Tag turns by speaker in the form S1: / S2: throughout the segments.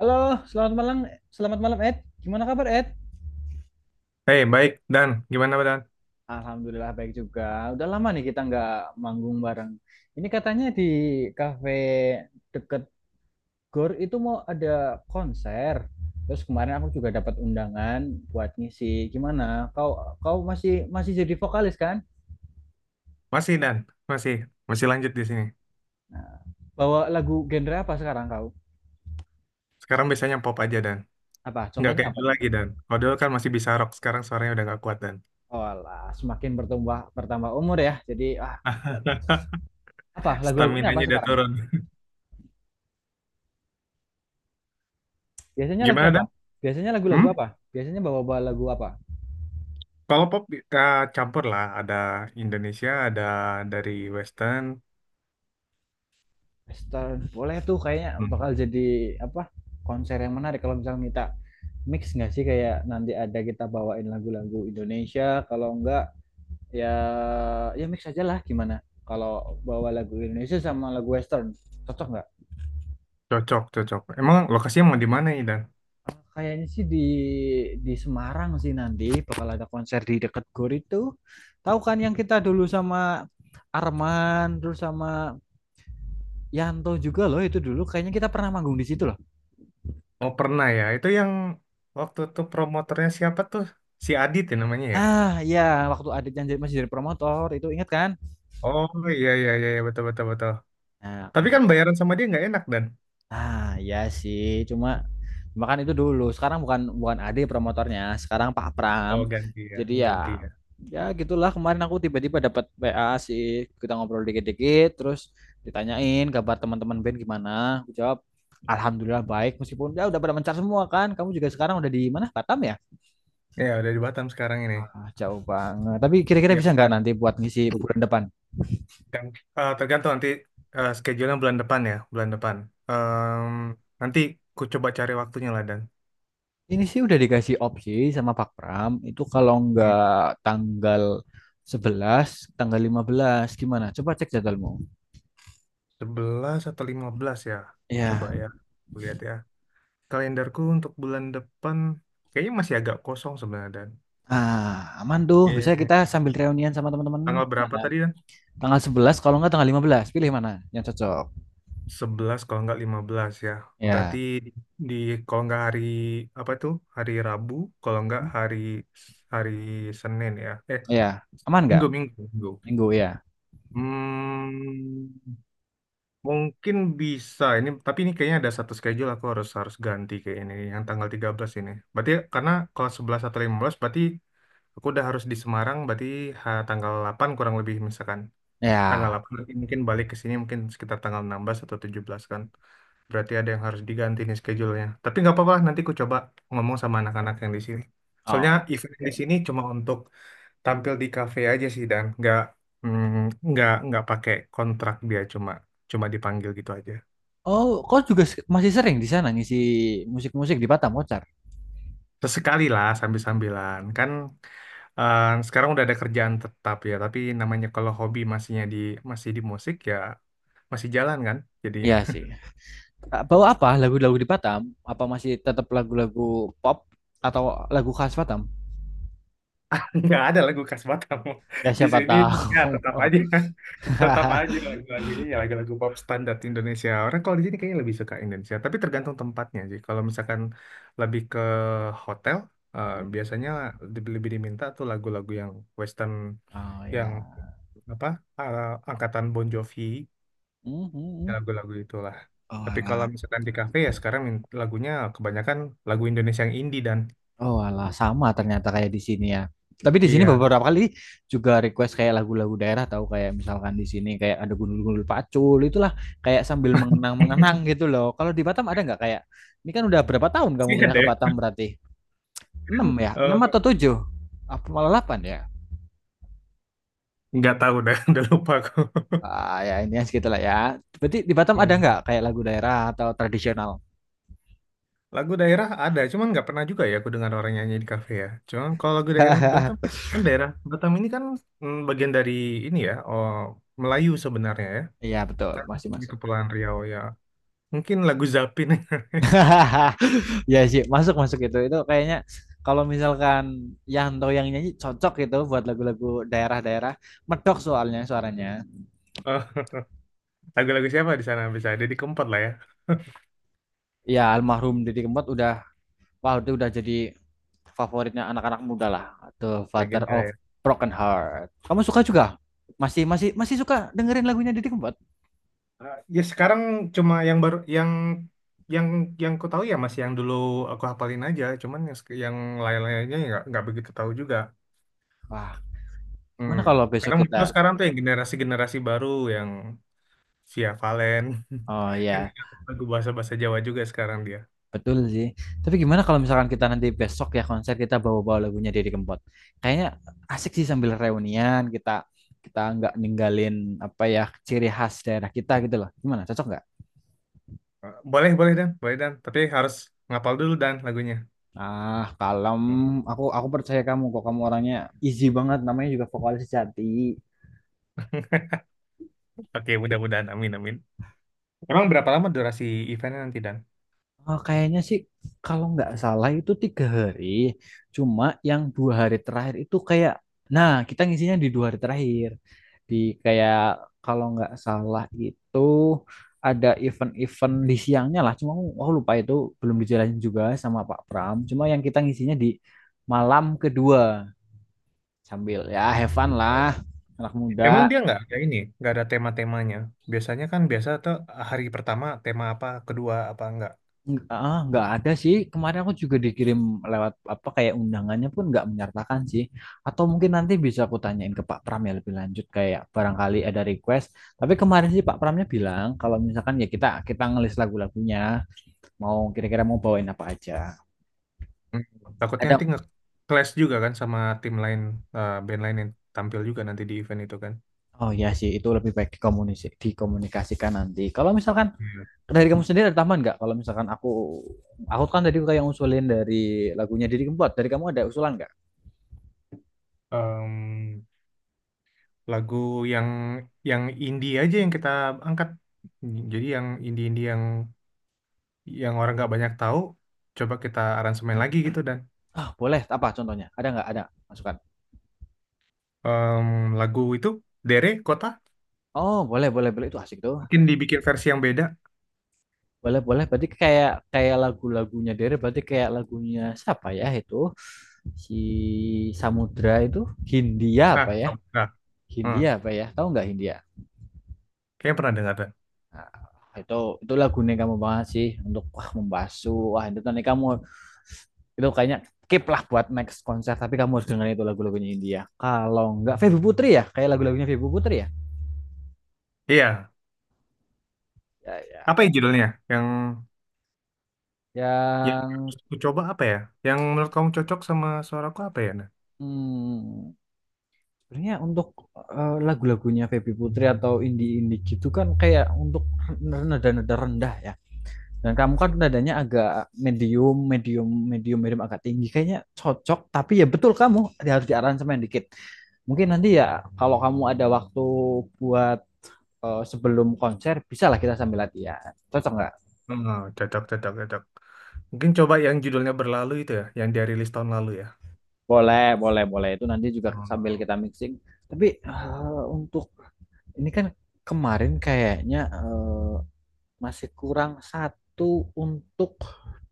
S1: Halo, selamat malam Ed. Gimana kabar Ed?
S2: Hei, baik, Dan. Gimana, Dan?
S1: Alhamdulillah baik juga. Udah lama nih kita nggak manggung bareng. Ini katanya di kafe deket Gor itu mau ada konser. Terus kemarin aku juga dapat undangan buat ngisi. Gimana? Kau kau masih masih jadi vokalis kan?
S2: Masih, Dan. Masih. Masih lanjut di sini.
S1: Nah, bawa lagu genre apa sekarang kau?
S2: Sekarang biasanya pop aja, Dan.
S1: Apa?
S2: Nggak
S1: Contohnya
S2: kayak
S1: apa
S2: dulu
S1: tuh?
S2: lagi, Dan. Kalau dulu kan masih bisa rock. Sekarang suaranya udah nggak kuat, Dan.
S1: Oh, semakin bertambah bertambah umur ya. Jadi apa lagu-lagunya apa
S2: Stamina-nya udah
S1: sekarang?
S2: turun.
S1: Biasanya lagu
S2: Gimana,
S1: apa?
S2: Dan?
S1: Biasanya lagu-lagu
S2: Hmm?
S1: apa? Biasanya bawa-bawa lagu apa?
S2: Kalau pop campur lah. Ada Indonesia, ada dari Western.
S1: Mister, boleh tuh kayaknya
S2: Hmm.
S1: bakal jadi apa? Konser yang menarik kalau misalnya kita mix nggak sih, kayak nanti ada kita bawain lagu-lagu Indonesia, kalau enggak ya ya mix aja lah, gimana? Kalau bawa lagu Indonesia sama lagu Western, cocok nggak?
S2: Cocok, cocok. Emang lokasinya mau di mana nih, Dan?
S1: Ah, kayaknya sih di Semarang sih nanti bakal ada konser di deket GOR itu. Tahu kan yang kita dulu sama Arman terus sama Yanto juga loh, itu dulu kayaknya kita pernah manggung di situ loh.
S2: Oh, pernah ya. Itu yang waktu itu promotornya siapa tuh? Si Adit ya namanya ya?
S1: Ah iya, waktu Adit yang masih jadi promotor itu, ingat kan?
S2: Oh, iya, iya, iya. Iya. Betul, betul, betul.
S1: Nah
S2: Tapi kan
S1: kemarin,
S2: bayaran sama dia nggak enak Dan.
S1: ah iya sih, cuma cuma kan itu dulu, sekarang bukan bukan Adit promotornya, sekarang Pak Pram.
S2: Oh, ganti ya,
S1: Jadi ya
S2: ganti ya.
S1: ya gitulah, kemarin aku tiba-tiba dapat WA sih, kita ngobrol dikit-dikit terus ditanyain kabar teman-teman band gimana. Aku jawab Alhamdulillah baik, meskipun ya udah pada mencar semua kan. Kamu juga sekarang udah di mana? Batam ya?
S2: Ya, udah di Batam sekarang ini.
S1: Ah, jauh banget. Tapi kira-kira
S2: Iya.
S1: bisa nggak
S2: Benar.
S1: nanti buat ngisi bulan depan?
S2: Dan, tergantung nanti schedule-nya bulan depan ya, bulan depan. Em, Nanti ku coba cari waktunya lah Dan.
S1: Ini sih udah dikasih opsi sama Pak Pram. Itu kalau
S2: Hmm.
S1: nggak tanggal 11 tanggal 15 gimana? Coba cek jadwalmu.
S2: 11 atau 15 ya. Coba
S1: Ya,
S2: ya, ku lihat ya. Kalenderku untuk bulan depan kayaknya masih agak kosong sebenarnya Dan.
S1: ah, aman tuh. Bisa
S2: Iya.
S1: kita sambil reunian sama teman-teman.
S2: Tanggal berapa
S1: Gimana?
S2: tadi?
S1: Tanggal 11 kalau nggak tanggal 15, pilih mana yang cocok.
S2: 11 kalau nggak 15 ya. Berarti
S1: Ya,
S2: di kalau nggak hari apa tuh? Hari Rabu, kalau nggak hari hari Senin ya.
S1: ya, aman nggak?
S2: Minggu, Minggu, Minggu.
S1: Minggu ya.
S2: Hmm, mungkin bisa ini, tapi ini kayaknya ada satu schedule aku harus harus ganti kayak ini yang tanggal 13 ini. Berarti karena kalau 11 atau 15 berarti aku udah harus di Semarang berarti tanggal 8 kurang lebih misalkan. Tanggal
S1: Ya.
S2: 8 mungkin balik ke sini mungkin sekitar tanggal 16 atau 17 kan. Berarti ada yang harus diganti nih schedule-nya. Tapi nggak apa-apa, nanti ku coba ngomong sama anak-anak yang di sini. Soalnya
S1: Oh,
S2: event yang di
S1: oke.
S2: sini cuma untuk tampil di kafe aja sih Dan, nggak mm, nggak pakai kontrak. Dia cuma cuma dipanggil gitu aja.
S1: Oh, kau juga masih sering di sana ngisi musik-musik di Batam, Kocar?
S2: Sesekali lah sambil-sambilan kan, sekarang udah ada kerjaan tetap ya. Tapi namanya kalau hobi masihnya di masih di musik ya, masih jalan kan. Jadi,
S1: Iya sih. Eh, bawa apa? Lagu-lagu di Batam? Apa masih tetap lagu-lagu pop atau lagu khas Batam?
S2: nggak ada lagu khas Batam.
S1: Ya
S2: Di
S1: siapa
S2: sini ya
S1: tahu.
S2: tetap aja, tetap aja lagu-lagunya, ya lagu-lagu pop standar Indonesia. Orang kalau di sini kayaknya lebih suka Indonesia, tapi tergantung tempatnya sih. Kalau misalkan lebih ke hotel, biasanya lebih lebih diminta tuh lagu-lagu yang Western,
S1: Oh ya.
S2: yang apa eh, angkatan Bon Jovi, ya
S1: Mhm.
S2: lagu-lagu itulah.
S1: Oh,
S2: Tapi kalau
S1: alah.
S2: misalkan di kafe ya sekarang lagunya kebanyakan lagu Indonesia yang indie dan
S1: Oh alah, sama ternyata kayak di sini ya. Tapi di sini
S2: iya.
S1: beberapa kali juga request kayak lagu-lagu daerah, tahu kayak misalkan di sini kayak ada gundul-gundul pacul itulah, kayak sambil mengenang-mengenang gitu loh. Kalau di Batam ada nggak kayak ini? Kan udah berapa tahun kamu
S2: Sih
S1: pindah
S2: ada.
S1: ke Batam berarti? Enam ya? 6
S2: Ya?
S1: atau 7? Apa malah 8 ya?
S2: Nggak tahu dah, udah lupa aku.
S1: Ah, ya intinya segitulah ya. Berarti di Batam ada
S2: Hmm.
S1: nggak kayak lagu daerah atau tradisional?
S2: Lagu daerah ada, cuman nggak pernah juga ya aku dengar orang nyanyi di kafe ya. Cuman kalau lagu daerah di Batam, kan daerah Batam ini kan bagian dari ini ya, oh, Melayu sebenarnya ya.
S1: Iya betul,
S2: Kan
S1: masih
S2: di
S1: masuk.
S2: Kepulauan Riau ya. Mungkin lagu Zapin,
S1: Iya sih, masuk masuk itu. Itu kayaknya kalau misalkan Yanto yang nyanyi cocok gitu buat lagu-lagu daerah-daerah. Medok soalnya suaranya.
S2: oh, lagu-lagu siapa di sana bisa ada di Kempot lah ya,
S1: Iya, almarhum Didi Kempot udah, wah itu udah jadi favoritnya anak-anak muda lah. The Father
S2: legenda
S1: of
S2: ya.
S1: Broken Heart. Kamu suka juga? Masih masih masih suka dengerin lagunya Didi Kempot?
S2: Ya sekarang cuma yang baru, yang yang ku tahu ya masih yang dulu aku hafalin aja, cuman yang lain-lainnya nggak begitu tahu juga.
S1: Wah,
S2: Hmm.
S1: gimana kalau besok
S2: Karena
S1: kita.
S2: muncul sekarang tuh yang generasi-generasi baru yang Via Valen
S1: Oh
S2: kan,
S1: ya.
S2: juga lagu bahasa-bahasa Jawa juga sekarang dia.
S1: Betul sih. Tapi gimana kalau misalkan kita nanti besok ya konser, kita bawa-bawa lagunya Deddy Kempot. Kayaknya asik sih sambil reunian, kita kita nggak ninggalin apa ya, ciri khas daerah kita gitu loh. Gimana? Cocok nggak?
S2: Boleh, boleh Dan, boleh Dan. Tapi harus ngapal dulu Dan lagunya.
S1: Ah, kalem.
S2: Hmm.
S1: Aku percaya kamu kok. Kamu orangnya easy banget. Namanya juga vokalis sejati.
S2: Oke, mudah-mudahan. Amin, amin. Emang berapa lama durasi eventnya nanti Dan?
S1: Oh, kayaknya sih kalau nggak salah itu 3 hari. Cuma yang 2 hari terakhir itu kayak, nah kita ngisinya di 2 hari terakhir. Di, kayak kalau nggak salah itu ada event-event di siangnya lah. Cuma aku lupa itu, belum dijalanin juga sama Pak Pram. Cuma yang kita ngisinya di malam kedua sambil ya
S2: Ya,
S1: have fun
S2: gitu.
S1: lah anak muda.
S2: Emang dia nggak ada ini, nggak ada tema-temanya. Biasanya kan biasa tuh hari pertama tema apa, kedua apa enggak.
S1: Nggak, ah, nggak ada sih. Kemarin aku juga dikirim lewat apa, kayak undangannya pun nggak menyertakan sih. Atau mungkin nanti bisa aku tanyain ke Pak Pram ya lebih lanjut, kayak barangkali ada request. Tapi kemarin sih Pak Pramnya bilang kalau misalkan ya kita kita ngelis lagu-lagunya mau kira-kira mau bawain apa aja.
S2: Hmm. Takutnya nanti
S1: Ada.
S2: nge-clash juga kan sama tim lain, band lain yang tampil juga nanti di event itu kan.
S1: Oh ya sih, itu lebih baik dikomunikasikan nanti. Kalau misalkan
S2: Iya.
S1: dari kamu sendiri ada tambahan nggak? Kalau misalkan aku kan tadi kayak usulin dari lagunya Didi Kempot. Dari kamu ada usulan nggak?
S2: em, lagu yang yang indie aja yang kita angkat. Jadi yang indie-indie yang orang nggak banyak tahu, coba kita aransemen lagi gitu Dan.
S1: Ah, boleh, apa contohnya? Ada nggak? Ada masukan?
S2: Em, lagu itu Dere Kota
S1: Oh, boleh, boleh, boleh. Itu asik tuh.
S2: mungkin dibikin versi yang beda.
S1: Boleh, boleh. Berarti kayak kayak lagu-lagunya Dere, berarti kayak lagunya siapa ya itu? Si Samudra itu, Hindia apa
S2: Ah,
S1: ya?
S2: sama. Ah,
S1: Hindia
S2: hmm.
S1: apa ya? Tahu nggak Hindia?
S2: Kayaknya pernah dengar deh.
S1: Nah, itu itu lagunya kamu banget sih, untuk wah membasuh. Wah, itu nanti kamu, itu kayaknya keep lah buat next konser, tapi kamu harus dengerin itu lagu-lagunya India, kalau nggak Feby Putri ya, kayak lagu-lagunya Feby Putri ya,
S2: Iya.
S1: ya, ya,
S2: Apa ya judulnya? Yang harus
S1: yang
S2: aku coba apa ya? Yang menurut kamu cocok sama suaraku apa ya? Nah,
S1: hmm, Sebenarnya untuk lagu-lagunya Feby Putri atau indie-indie gitu kan kayak untuk nada-nada rendah ya. Dan kamu kan nadanya agak medium, agak tinggi. Kayaknya cocok, tapi ya betul kamu harus diaransemen dikit. Mungkin nanti ya kalau kamu ada waktu buat sebelum konser, bisa lah kita sambil latihan. Cocok nggak?
S2: Cocok, cocok, cocok. Mungkin coba yang judulnya berlalu itu ya, yang dia rilis tahun lalu ya.
S1: Boleh, boleh, boleh. Itu nanti juga sambil
S2: Hmm.
S1: kita mixing. Tapi untuk ini kan kemarin kayaknya masih kurang satu untuk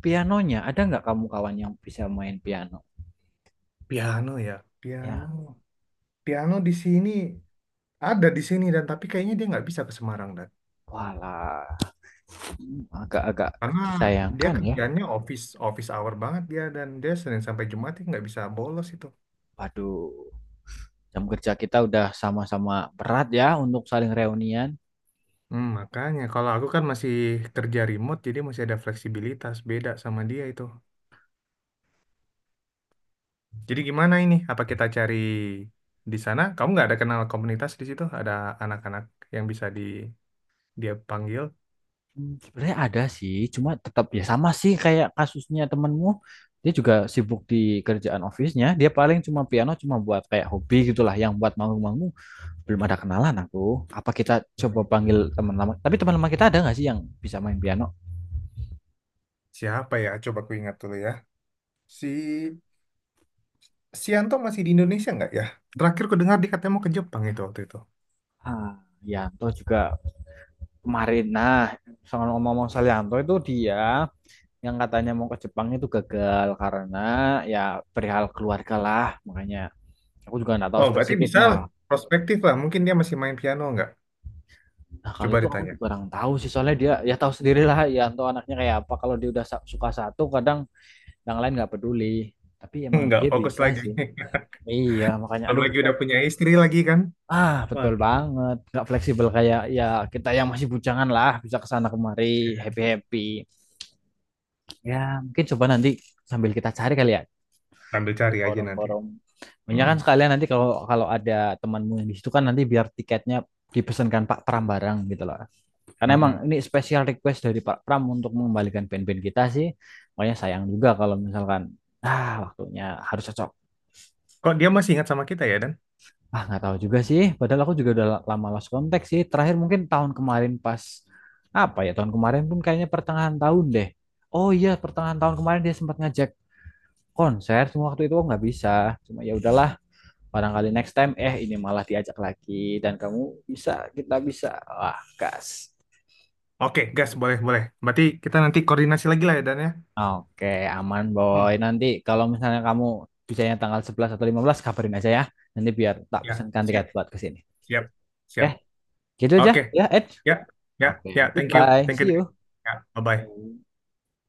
S1: pianonya. Ada nggak kamu kawan yang bisa main piano?
S2: Piano ya,
S1: Ya,
S2: piano, piano di sini, ada di sini Dan, tapi kayaknya dia nggak bisa ke Semarang Dan,
S1: walah. Agak-agak
S2: karena dia
S1: disayangkan ya.
S2: kerjanya office office hour banget dia Dan. Dia Senin sampai Jumat dia nggak bisa bolos itu.
S1: Waduh, jam kerja kita udah sama-sama berat ya untuk saling reunian.
S2: Makanya kalau aku kan masih kerja remote, jadi masih ada fleksibilitas beda sama dia itu. Jadi gimana ini? Apa kita cari di sana? Kamu nggak ada kenal komunitas di situ? Ada anak-anak yang bisa dia panggil?
S1: Sebenarnya ada sih, cuma tetap ya sama sih kayak kasusnya temenmu. Dia juga sibuk di kerjaan office-nya. Dia paling cuma piano, cuma buat kayak hobi gitulah, yang buat manggung-manggung belum ada kenalan aku. Apa kita
S2: Nggak
S1: coba panggil
S2: ada.
S1: teman lama? Tapi teman lama kita ada nggak sih yang bisa main piano?
S2: Siapa ya? Coba aku ingat dulu ya. Si Sianto masih di Indonesia nggak ya? Terakhir ku dengar dia katanya mau ke Jepang itu waktu itu.
S1: Ah, Yanto juga kemarin. Nah, soal ngomong-ngomong soal Yanto, itu dia yang katanya mau ke Jepang itu gagal karena ya perihal keluarga lah, makanya aku juga nggak tahu
S2: Oh, berarti bisa
S1: spesifiknya
S2: lah.
S1: lah.
S2: Prospektif lah. Mungkin dia masih main piano nggak?
S1: Nah kalau
S2: Coba
S1: itu aku juga
S2: ditanya.
S1: kurang tahu sih, soalnya dia ya tahu sendiri lah Yanto anaknya kayak apa, kalau dia udah suka satu kadang yang lain nggak peduli, tapi emang
S2: Nggak
S1: dia
S2: fokus
S1: bisa
S2: lagi.
S1: sih, iya makanya
S2: Belum
S1: aduh.
S2: lagi udah punya istri lagi kan?
S1: Ah, betul
S2: Waduh.
S1: banget. Nggak fleksibel kayak ya kita yang masih bujangan lah, bisa ke sana kemari,
S2: Ya,
S1: happy-happy. Ya, mungkin coba nanti sambil kita cari kali ya
S2: sambil
S1: di
S2: cari aja nanti.
S1: forum-forum. Makanya
S2: Hmm.
S1: kan sekalian nanti kalau kalau ada temanmu yang di situ, kan nanti biar tiketnya dipesankan Pak Pram bareng gitu loh. Karena emang
S2: Mm-mm.
S1: ini special request dari Pak Pram untuk mengembalikan band-band kita sih. Makanya sayang juga kalau misalkan ah, waktunya harus cocok.
S2: Kok dia masih ingat sama kita ya, Dan?
S1: Ah, nggak tahu juga sih. Padahal aku juga udah lama lost contact sih. Terakhir mungkin tahun kemarin pas, apa ya? Tahun kemarin pun kayaknya pertengahan tahun deh. Oh iya, pertengahan tahun kemarin dia sempat ngajak konser. Cuma waktu itu aku nggak bisa. Cuma ya udahlah, barangkali next time ini malah diajak lagi dan kamu bisa, kita bisa. Wah, gas.
S2: Oke, gas. Boleh, boleh. Berarti kita nanti koordinasi lagi lah ya, Dan ya?
S1: Oke, aman boy.
S2: Hmm.
S1: Nanti kalau misalnya kamu bisanya tanggal 11 atau 15, kabarin aja ya. Nanti biar tak
S2: Ya,
S1: pesankan
S2: siap.
S1: tiket buat ke sini.
S2: Siap.
S1: Oke,
S2: Siap.
S1: gitu aja
S2: Oke.
S1: ya, Ed.
S2: Ya, ya,
S1: Oke,
S2: ya. Thank you.
S1: goodbye.
S2: Thank
S1: See
S2: you.
S1: you.
S2: Ya, bye-bye.
S1: Yang